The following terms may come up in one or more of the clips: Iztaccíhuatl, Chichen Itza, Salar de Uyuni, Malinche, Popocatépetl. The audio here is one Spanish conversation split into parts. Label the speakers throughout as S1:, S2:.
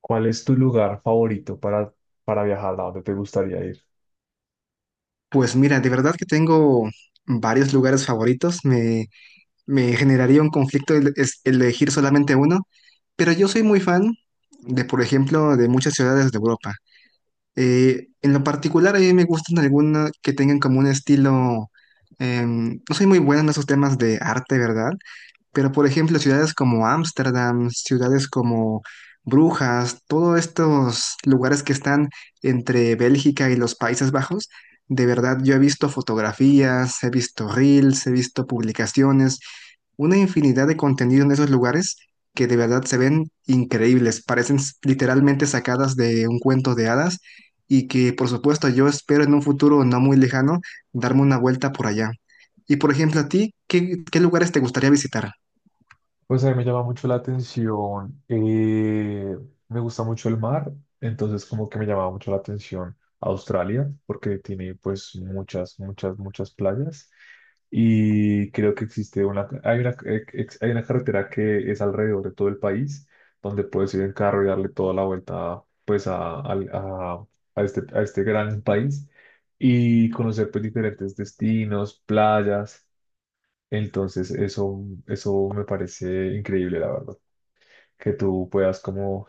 S1: ¿Cuál es tu lugar favorito para viajar? ¿A dónde te gustaría ir?
S2: Pues mira, de verdad que tengo varios lugares favoritos. Me generaría un conflicto elegir solamente uno, pero yo soy muy fan de, por ejemplo, de muchas ciudades de Europa. En lo particular, a mí me gustan algunas que tengan como un estilo. No soy muy buena en esos temas de arte, ¿verdad? Pero, por ejemplo, ciudades como Ámsterdam, ciudades como Brujas, todos estos lugares que están entre Bélgica y los Países Bajos, de verdad yo he visto fotografías, he visto reels, he visto publicaciones, una infinidad de contenido en esos lugares que de verdad se ven increíbles, parecen literalmente sacadas de un cuento de hadas y que, por supuesto, yo espero en un futuro no muy lejano darme una vuelta por allá. Y, por ejemplo, a ti, ¿qué lugares te gustaría visitar?
S1: Pues a mí me llama mucho la atención, me gusta mucho el mar, entonces como que me llamaba mucho la atención Australia, porque tiene pues muchas, muchas, muchas playas y creo que hay una, hay una carretera que es alrededor de todo el país, donde puedes ir en carro y darle toda la vuelta pues a este gran país y conocer pues diferentes destinos, playas. Entonces, eso, Eso me parece increíble, la verdad, que tú puedas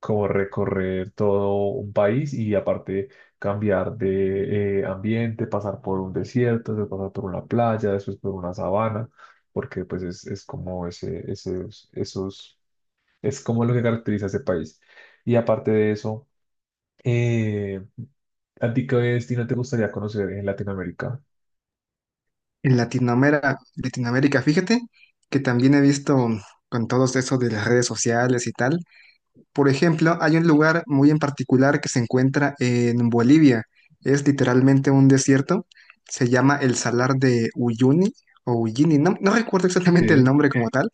S1: como recorrer todo un país y aparte cambiar de ambiente, pasar por un desierto, después pasar por una playa, después por una sabana, porque pues es como esos, es como lo que caracteriza a ese país. Y aparte de eso, eh, ¿a ti qué destino te gustaría conocer en Latinoamérica?
S2: En Latinoamérica, Latinoamérica, fíjate que también he visto con todos eso de las redes sociales y tal. Por ejemplo, hay un lugar muy en particular que se encuentra en Bolivia. Es literalmente un desierto. Se llama el Salar de Uyuni o Uyuni. No recuerdo
S1: Sí,
S2: exactamente el nombre como tal.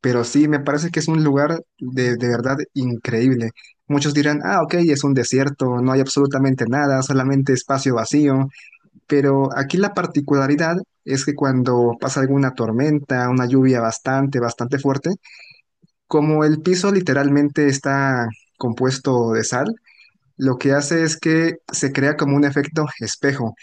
S2: Pero sí, me parece que es un lugar de verdad increíble. Muchos dirán, ah, ok, es un desierto, no hay absolutamente nada, solamente espacio vacío. Pero aquí la particularidad es que cuando pasa alguna tormenta, una lluvia bastante, bastante fuerte, como el piso literalmente está compuesto de sal, lo que hace es que se crea como un efecto espejo.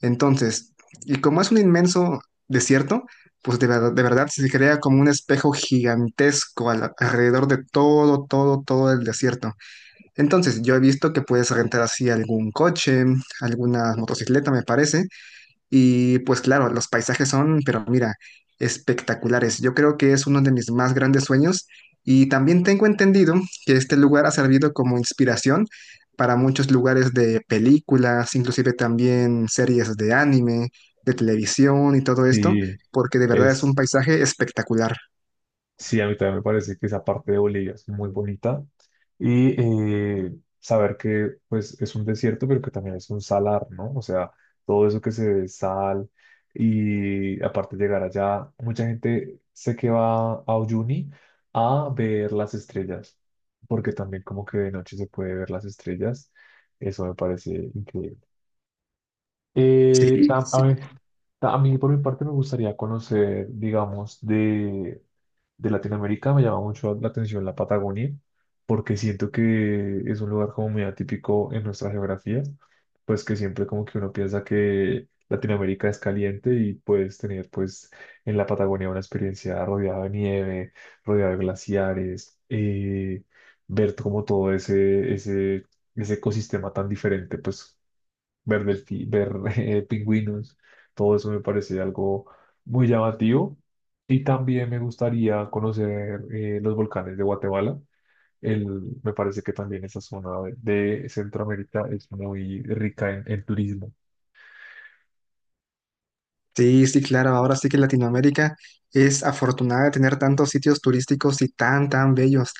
S2: Entonces, y como es un inmenso desierto, pues de verdad se crea como un espejo gigantesco alrededor de todo, todo, todo el desierto. Entonces, yo he visto que puedes rentar así algún coche, alguna motocicleta, me parece, y pues claro, los paisajes son, pero mira, espectaculares. Yo creo que es uno de mis más grandes sueños y también tengo entendido que este lugar ha servido como inspiración para muchos lugares de películas, inclusive también series de anime, de televisión y todo esto,
S1: sí,
S2: porque de verdad es un
S1: es,
S2: paisaje espectacular.
S1: sí, a mí también me parece que esa parte de Bolivia es muy bonita y saber que pues es un desierto, pero que también es un salar, ¿no? O sea, todo eso que se ve es sal y aparte llegar allá, mucha gente sé que va a Uyuni a ver las estrellas, porque también como que de noche se puede ver las estrellas, eso me parece increíble. A
S2: Sí.
S1: mí, a mí por mi parte me gustaría conocer, digamos, de Latinoamérica me llama mucho la atención la Patagonia, porque siento que es un lugar como muy atípico en nuestra geografía, pues que siempre como que uno piensa que Latinoamérica es caliente y puedes tener pues en la Patagonia una experiencia rodeada de nieve, rodeada de glaciares, ver como todo ese ecosistema tan diferente, pues ver, ver pingüinos, todo eso me parece algo muy llamativo. Y también me gustaría conocer los volcanes de Guatemala. El, me parece que también esa zona de Centroamérica es muy rica en turismo.
S2: Sí, sí, claro, ahora sí que Latinoamérica es afortunada de tener tantos sitios turísticos y tan, tan bellos.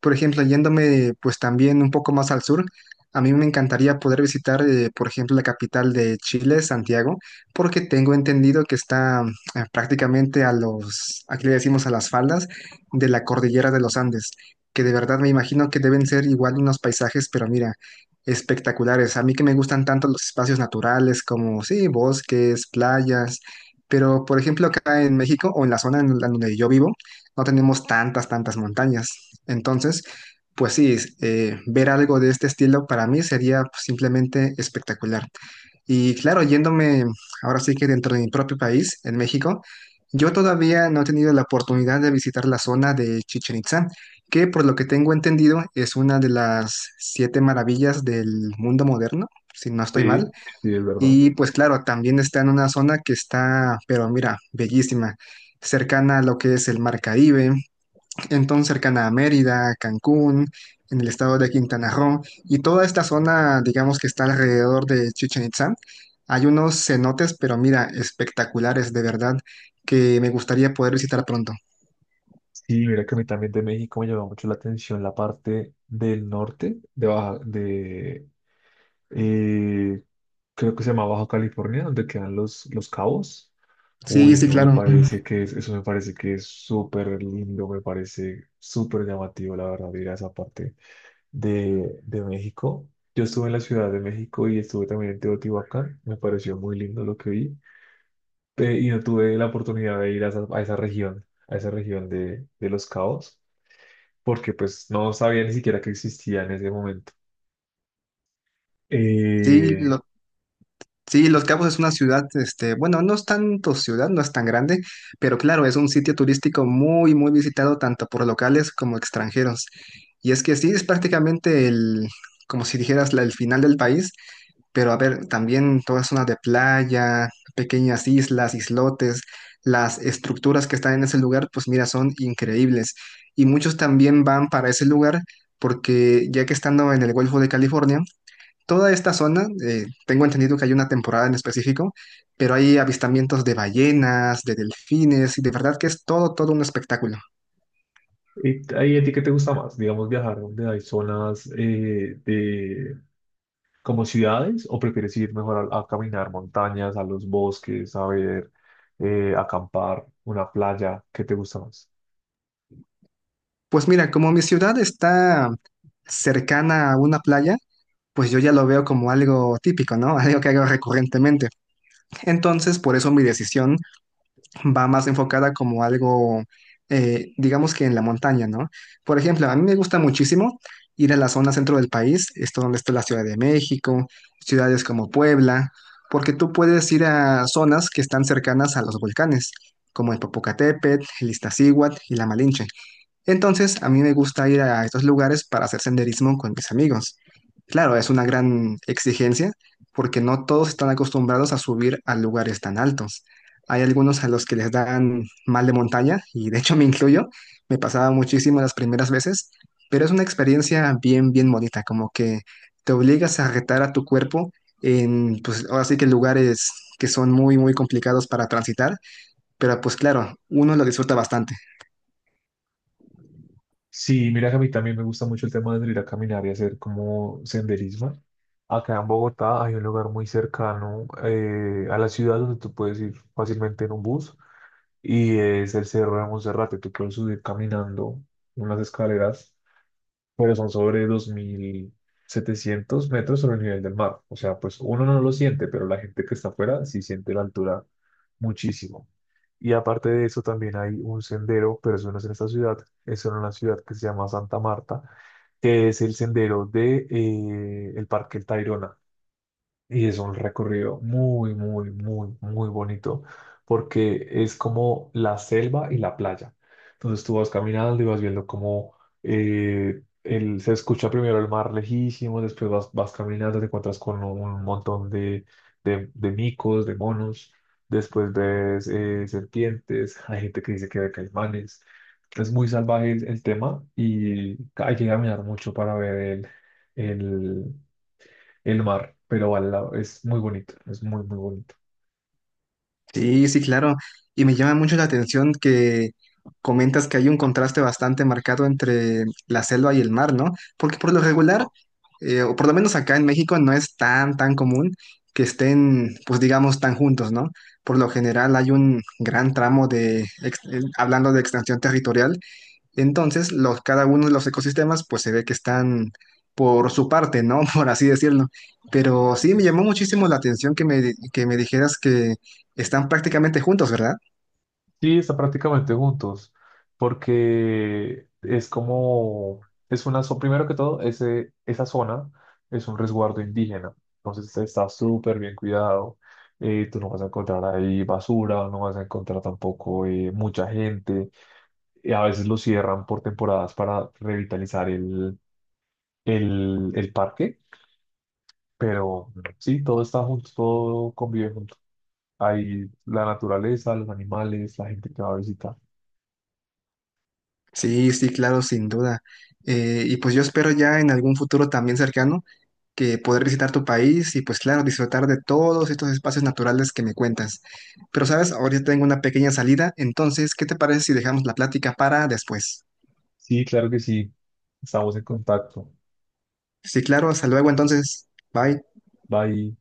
S2: Por ejemplo, yéndome pues también un poco más al sur, a mí me encantaría poder visitar, por ejemplo, la capital de Chile, Santiago, porque tengo entendido que está prácticamente a los, aquí le decimos a las faldas de la cordillera de los Andes, que de verdad me imagino que deben ser igual unos paisajes, pero mira, espectaculares. A mí que me gustan tanto los espacios naturales como, sí, bosques, playas. Pero, por ejemplo, acá en México o en la zona en la donde yo vivo, no tenemos tantas, tantas montañas. Entonces, pues sí, es, ver algo de este estilo para mí sería pues, simplemente espectacular. Y claro, yéndome ahora sí que dentro de mi propio país, en México, yo todavía no he tenido la oportunidad de visitar la zona de Chichen Itza, que por lo que tengo entendido es una de las siete maravillas del mundo moderno, si no estoy mal.
S1: Sí, sí, es verdad.
S2: Y pues claro, también está en una zona que está, pero mira, bellísima, cercana a lo que es el Mar Caribe, entonces cercana a Mérida, Cancún, en el estado de Quintana Roo, y toda esta zona, digamos que está alrededor de Chichen Itzá, hay unos cenotes, pero mira, espectaculares de verdad, que me gustaría poder visitar pronto.
S1: Sí, mira que a mí también de México me llamó mucho la atención la parte del norte, eh, creo que se llama Baja California, donde quedan los cabos.
S2: Sí,
S1: Uy,
S2: sí, claro. Mm.
S1: eso me parece que es súper lindo, me parece súper llamativo, la verdad, ir a esa parte de México. Yo estuve en la Ciudad de México y estuve también en Teotihuacán, me pareció muy lindo lo que vi, y no tuve la oportunidad de ir a a esa región de Los Cabos, porque pues no sabía ni siquiera que existía en ese momento.
S2: Sí,
S1: Eh,
S2: lo- Sí, Los Cabos es una ciudad, este, bueno, no es tanto ciudad, no es tan grande, pero claro, es un sitio turístico muy, muy visitado tanto por locales como extranjeros. Y es que sí, es prácticamente el, como si dijeras, el final del país, pero a ver, también toda zona de playa, pequeñas islas, islotes, las estructuras que están en ese lugar, pues mira, son increíbles. Y muchos también van para ese lugar porque ya que estando en el Golfo de California, toda esta zona, tengo entendido que hay una temporada en específico, pero hay avistamientos de ballenas, de delfines, y de verdad que es todo, todo un espectáculo.
S1: ¿Y ahí a ti qué te gusta más? Digamos, viajar donde hay zonas como ciudades o prefieres ir mejor a caminar montañas, a los bosques, a ver, acampar, ¿una playa? ¿Qué te gusta más?
S2: Pues mira, como mi ciudad está cercana a una playa, pues yo ya lo veo como algo típico, ¿no? Algo que hago recurrentemente. Entonces, por eso mi decisión va más enfocada como algo, digamos que en la montaña, ¿no? Por ejemplo, a mí me gusta muchísimo ir a la zona centro del país, esto donde está la Ciudad de México, ciudades como Puebla, porque tú puedes ir a zonas que están cercanas a los volcanes, como el Popocatépetl, el Iztaccíhuatl y la Malinche. Entonces, a mí me gusta ir a estos lugares para hacer senderismo con mis amigos. Claro, es una gran exigencia porque no todos están acostumbrados a subir a lugares tan altos. Hay algunos a los que les dan mal de montaña y de hecho me incluyo, me pasaba muchísimo las primeras veces, pero es una experiencia bien, bien bonita, como que te obligas a retar a tu cuerpo en, pues ahora sí que lugares que son muy, muy complicados para transitar, pero pues claro, uno lo disfruta bastante.
S1: Sí, mira que a mí también me gusta mucho el tema de salir a caminar y hacer como senderismo. Acá en Bogotá hay un lugar muy cercano a la ciudad donde tú puedes ir fácilmente en un bus y es el Cerro de Monserrate. Tú puedes subir caminando unas escaleras, pero son sobre 2.700 metros sobre el nivel del mar. O sea, pues uno no lo siente, pero la gente que está afuera sí siente la altura muchísimo. Y aparte de eso, también hay un sendero, pero eso no es en esta ciudad, es en una ciudad que se llama Santa Marta, que es el sendero el Parque El Tayrona. Y es un recorrido muy, muy, muy, muy bonito porque es como la selva y la playa. Entonces tú vas caminando y vas viendo cómo se escucha primero el mar lejísimo, después vas caminando, te encuentras con un montón de micos, de monos, después ves serpientes, hay gente que dice que ve caimanes. Es muy salvaje el tema y hay que caminar mucho para ver el, el mar, pero al lado. Es muy bonito, es muy, muy bonito.
S2: Sí, sí, claro. Y me llama mucho la atención que comentas que hay un contraste bastante marcado entre la selva y el mar, ¿no? Porque por lo regular, o por lo menos acá en México, no es tan, tan común que estén, pues digamos, tan juntos, ¿no? Por lo general hay un gran tramo de, hablando de extensión territorial, entonces, los, cada uno de los ecosistemas, pues se ve que están por su parte, ¿no? Por así decirlo. Pero sí, me llamó muchísimo la atención que que me dijeras que están prácticamente juntos, ¿verdad?
S1: Sí, están prácticamente juntos, porque es como, primero que todo, esa zona es un resguardo indígena, entonces está súper bien cuidado, tú no vas a encontrar ahí basura, no vas a encontrar tampoco mucha gente, y a veces lo cierran por temporadas para revitalizar el parque, pero sí, todo está junto, todo convive junto. Hay la naturaleza, los animales, la gente que va a visitar.
S2: Sí, sí, claro, sin duda. Y pues yo espero ya en algún futuro también cercano que poder visitar tu país y pues claro, disfrutar de todos estos espacios naturales que me cuentas. Pero sabes, ahorita tengo una pequeña salida, entonces, ¿qué te parece si dejamos la plática para después?
S1: Sí, claro que sí. Estamos en contacto.
S2: Sí, claro, hasta luego entonces. Bye.
S1: Bye.